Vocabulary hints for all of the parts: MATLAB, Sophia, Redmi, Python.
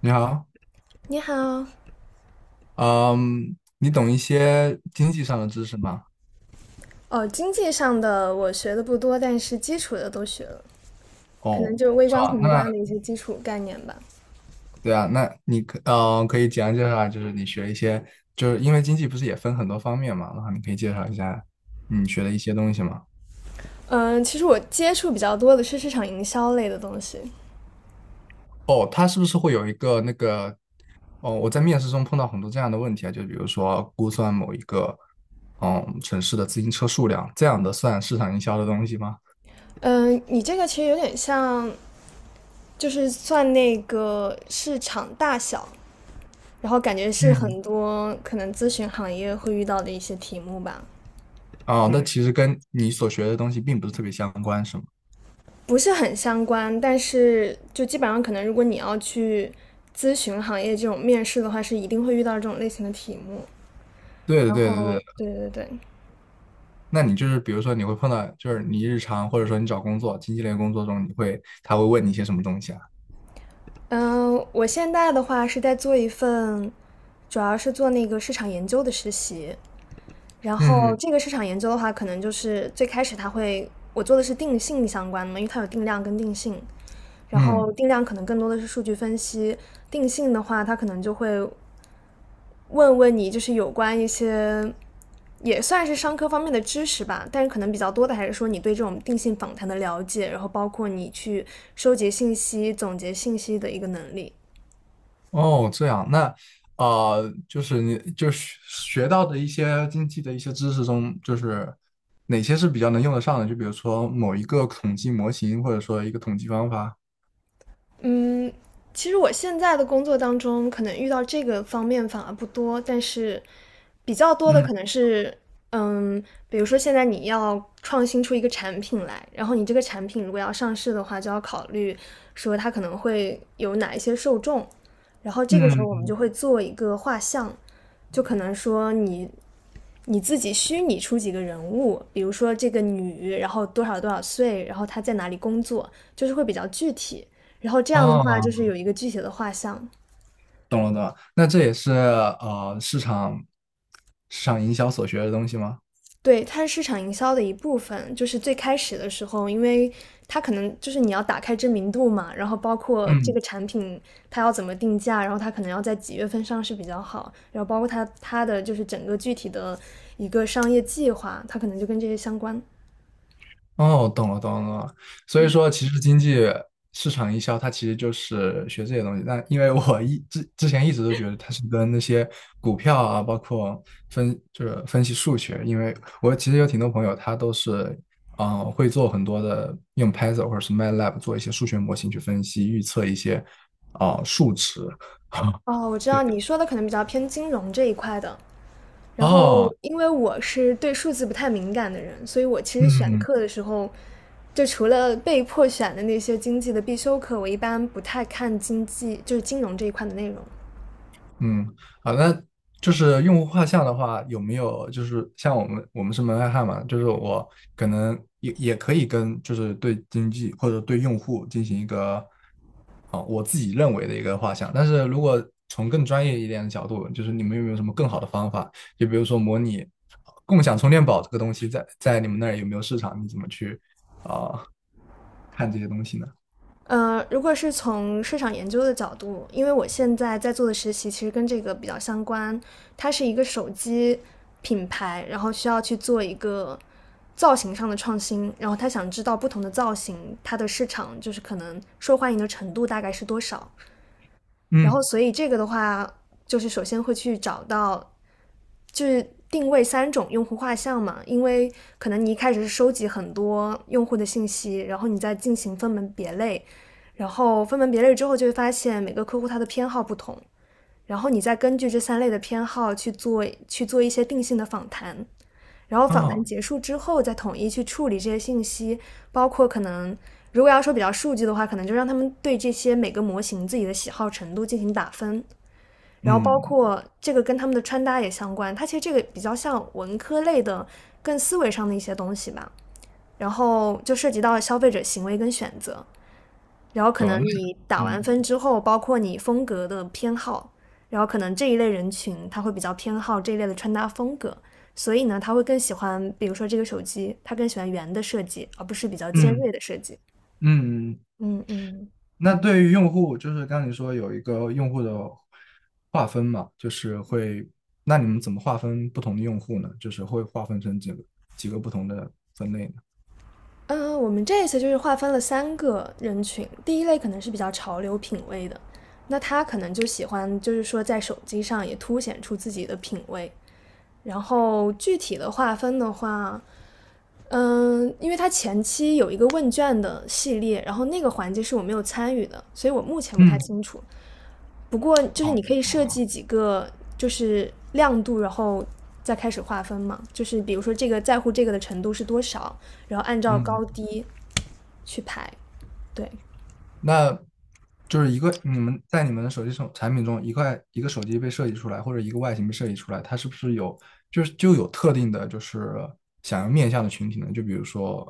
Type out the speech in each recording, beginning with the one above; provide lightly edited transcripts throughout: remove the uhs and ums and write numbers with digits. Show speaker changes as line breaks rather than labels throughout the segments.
你好，
你好。
嗯，你懂一些经济上的知识吗？
哦，经济上的我学的不多，但是基础的都学了，可能
哦，
就是微
是
观、
吧？
宏观
那
的一些基础概念吧。
对啊，那你可以简单介绍一下，就是你学一些，就是因为经济不是也分很多方面嘛，然后你可以介绍一下你学的一些东西吗？
嗯，其实我接触比较多的是市场营销类的东西。
哦，它是不是会有一个那个？哦，我在面试中碰到很多这样的问题啊，就比如说估算某一个城市的自行车数量这样的算市场营销的东西吗？
嗯，你这个其实有点像，就是算那个市场大小，然后感觉是
嗯，
很多可能咨询行业会遇到的一些题目吧，
哦，那其实跟你所学的东西并不是特别相关，是吗？
不是很相关，但是就基本上可能如果你要去咨询行业这种面试的话，是一定会遇到这种类型的题目。
对的，
然
对的，对
后，
的。
对对对。
那你就是比如说你会碰到，就是你日常或者说你找工作，经济类工作中，你会他会问你一些什么东西啊？
嗯，我现在的话是在做一份，主要是做那个市场研究的实习。然后
嗯，
这个市场研究的话，可能就是最开始它会，我做的是定性相关的嘛，因为它有定量跟定性。然后
嗯，
定量可能更多的是数据分析，定性的话，它可能就会问问你，就是有关一些也算是商科方面的知识吧，但是可能比较多的还是说你对这种定性访谈的了解，然后包括你去收集信息、总结信息的一个能力。
哦，这样，那呃，就是你就是学到的一些经济的一些知识中，就是哪些是比较能用得上的？就比如说某一个统计模型，或者说一个统计方法。
嗯，其实我现在的工作当中，可能遇到这个方面反而不多，但是比较多的
嗯，
可能是，嗯，比如说现在你要创新出一个产品来，然后你这个产品如果要上市的话，就要考虑说它可能会有哪一些受众，然后这个时候我们
嗯，
就会做一个画像，就可能说你自己虚拟出几个人物，比如说这个女，然后多少多少岁，然后她在哪里工作，就是会比较具体，然后这样的话就
哦，
是有一个具体的画像。
懂了懂了，那这也是市场市场营销所学的东西吗？
对，它是市场营销的一部分。就是最开始的时候，因为它可能就是你要打开知名度嘛，然后包括这
嗯。
个产品它要怎么定价，然后它可能要在几月份上市比较好，然后包括它的就是整个具体的一个商业计划，它可能就跟这些相关。
哦，懂了，懂了，懂了。所以说，其实经济市场营销它其实就是学这些东西。但因为我之前一直都觉得它是跟那些股票啊，包括分就是分析数学，因为我其实有挺多朋友他都是会做很多的用 Python 或者是 MATLAB 做一些数学模型去分析预测一些数值。
哦，我知道你说的可能比较偏金融这一块的。然后，
哦，
因为我是对数字不太敏感的人，所以我其实选
嗯，
课的时候，就除了被迫选的那些经济的必修课，我一般不太看经济，就是金融这一块的内容。
嗯，好，那就是用户画像的话，有没有就是像我们是门外汉嘛，就是我可能也可以跟就是对经济或者对用户进行一个我自己认为的一个画像，但是如果从更专业一点的角度，就是你们有没有什么更好的方法？就比如说模拟共享充电宝这个东西在，在你们那儿有没有市场？你怎么去啊、看这些东西呢？
如果是从市场研究的角度，因为我现在在做的实习其实跟这个比较相关，它是一个手机品牌，然后需要去做一个造型上的创新，然后他想知道不同的造型它的市场就是可能受欢迎的程度大概是多少，然后
嗯，
所以这个的话，就是首先会去找到就是定位三种用户画像嘛，因为可能你一开始是收集很多用户的信息，然后你再进行分门别类，然后分门别类之后就会发现每个客户他的偏好不同，然后你再根据这三类的偏好去做一些定性的访谈，然后访谈
啊，
结束之后再统一去处理这些信息，包括可能如果要说比较数据的话，可能就让他们对这些每个模型自己的喜好程度进行打分。然后包
嗯，
括这个跟他们的穿搭也相关，它其实这个比较像文科类的更思维上的一些东西吧。然后就涉及到消费者行为跟选择，然后可能
懂了。
你
那
打完
嗯。
分之后，包括你风格的偏好，然后可能这一类人群他会比较偏好这一类的穿搭风格，所以呢，他会更喜欢，比如说这个手机，他更喜欢圆的设计，而不是比较尖锐
嗯，
的设计。
嗯，
嗯嗯。
那对于用户，就是刚刚你说有一个用户的划分嘛，就是会，那你们怎么划分不同的用户呢？就是会划分成几个几个不同的分类呢？
嗯，我们这一次就是划分了三个人群，第一类可能是比较潮流品味的，那他可能就喜欢，就是说在手机上也凸显出自己的品味。然后具体的划分的话，嗯，因为他前期有一个问卷的系列，然后那个环节是我没有参与的，所以我目前不太
嗯，
清楚。不过
哦，
就是你可以
好
设计
的。
几个就是亮度，然后再开始划分嘛，就是比如说这个在乎这个的程度是多少，然后按照高
嗯
低。去排。对。
那就是一个你们在你们的手产品中，一块一个手机被设计出来，或者一个外形被设计出来，它是不是有就是就有特定的，就是想要面向的群体呢？就比如说，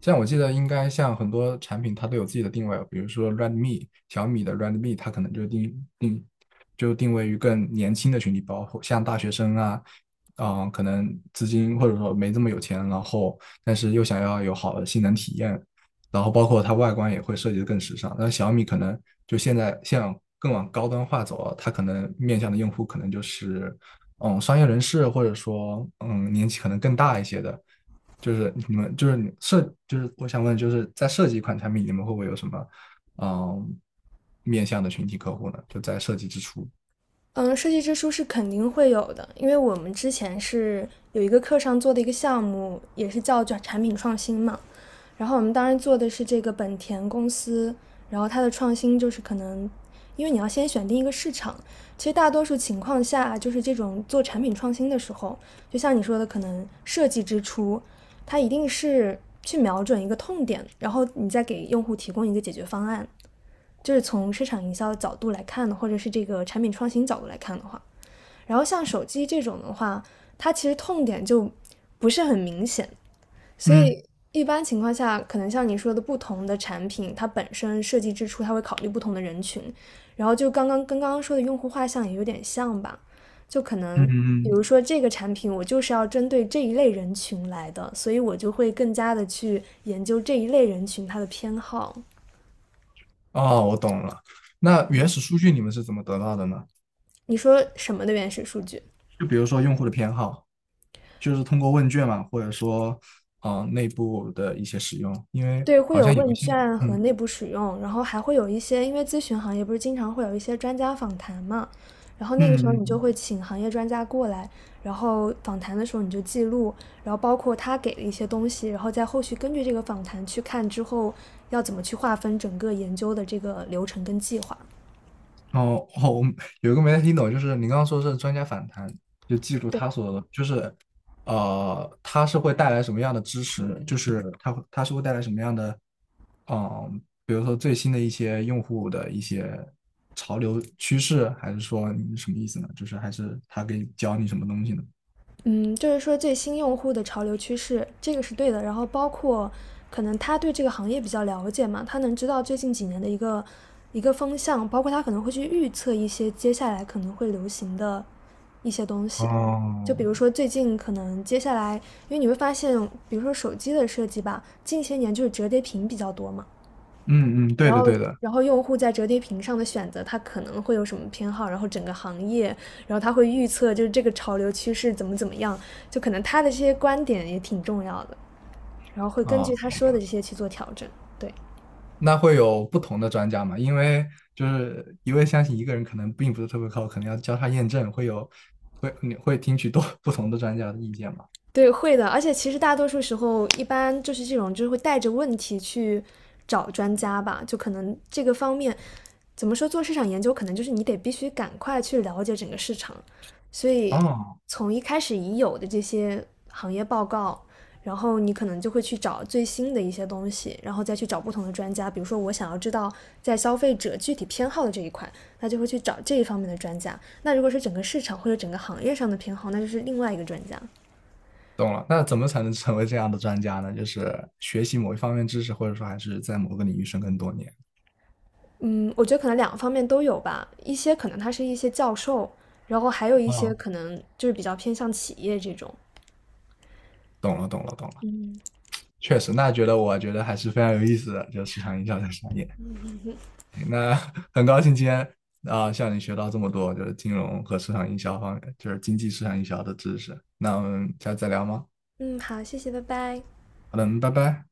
像我记得应该像很多产品它都有自己的定位哦，比如说 Redmi 小米的 Redmi，它可能就定位于更年轻的群体，包括像大学生啊。嗯，可能资金或者说没这么有钱，然后但是又想要有好的性能体验，然后包括它外观也会设计的更时尚。那小米可能就现在像更往高端化走啊，它可能面向的用户可能就是嗯商业人士，或者说嗯年纪可能更大一些的。就是你们就是你设就是我想问，就是在设计一款产品，你们会不会有什么嗯面向的群体客户呢？就在设计之初。
嗯，设计之书是肯定会有的，因为我们之前是有一个课上做的一个项目，也是叫产品创新嘛。然后我们当时做的是这个本田公司，然后它的创新就是可能，因为你要先选定一个市场。其实大多数情况下，就是这种做产品创新的时候，就像你说的，可能设计之初，它一定是去瞄准一个痛点，然后你再给用户提供一个解决方案。就是从市场营销的角度来看的，或者是这个产品创新角度来看的话，然后像手机这种的话，它其实痛点就不是很明显，所以
嗯，
一般情况下，可能像你说的，不同的产品它本身设计之初，它会考虑不同的人群，然后就刚刚跟刚刚说的用户画像也有点像吧，就可
嗯，
能比
嗯，
如说这个产品我就是要针对这一类人群来的，所以我就会更加的去研究这一类人群它的偏好。
哦，我懂了。那原始数据你们是怎么得到的呢？
你说什么的原始数据？
就比如说用户的偏好。就是通过问卷嘛，或者说呃内部的一些使用，因为
对，会
好
有
像有一
问
些
卷
嗯，
和内部使用，然后还会有一些，因为咨询行业不是经常会有一些专家访谈嘛，然后那
嗯，
个时候
嗯，
你就
嗯，
会请行业专家过来，然后访谈的时候你就记录，然后包括他给的一些东西，然后在后续根据这个访谈去看之后要怎么去划分整个研究的这个流程跟计划。
哦哦，我有一个没太听懂，就是你刚刚说是专家访谈，就记住
对。
他所就是呃会带来什么样的支持，就是他是会带来什么样的嗯，呃比如说最新的一些用户的一些潮流趋势，还是说你什么意思呢？就是还是他给你教你什么东西呢？
嗯，就是说最新用户的潮流趋势，这个是对的。然后包括可能他对这个行业比较了解嘛，他能知道最近几年的一个风向，包括他可能会去预测一些接下来可能会流行的一些东西。就比
哦，
如说最近可能接下来，因为你会发现，比如说手机的设计吧，近些年就是折叠屏比较多嘛，
嗯，嗯，对
然
的
后，
对的。
然后用户在折叠屏上的选择，他可能会有什么偏好，然后整个行业，然后他会预测就是这个潮流趋势怎么样，就可能他的这些观点也挺重要的，然后会根
啊、
据他说的这些去做调整。对，
那会有不同的专家嘛？因为就是一味相信一个人可能并不是特别靠谱，可能要交叉验证，会有会你会听取多 不同的专家的意见嘛？
对，会的。而且其实大多数时候，一般就是这种，就是会带着问题去找专家吧。就可能这个方面，怎么说做市场研究，可能就是你得必须赶快去了解整个市场。所以
哦，
从一开始已有的这些行业报告，然后你可能就会去找最新的一些东西，然后再去找不同的专家。比如说，我想要知道在消费者具体偏好的这一块，那就会去找这一方面的专家。那如果是整个市场或者整个行业上的偏好，那就是另外一个专家。
懂了。那怎么才能成为这样的专家呢？就是学习某一方面知识，或者说还是在某个领域深耕多年。
嗯，我觉得可能两个方面都有吧，一些可能他是一些教授，然后还有一些
哦，
可能就是比较偏向企业这种。
懂了，懂了，懂了。确实，那觉得我觉得还是非常有意思的，就是市场营销这个专业。那 很高兴今天向你学到这么多，就是金融和市场营销方面，就是经济市场营销的知识。那我们下次再聊吗？
嗯，好，谢谢，拜拜。
好的，嗯拜拜。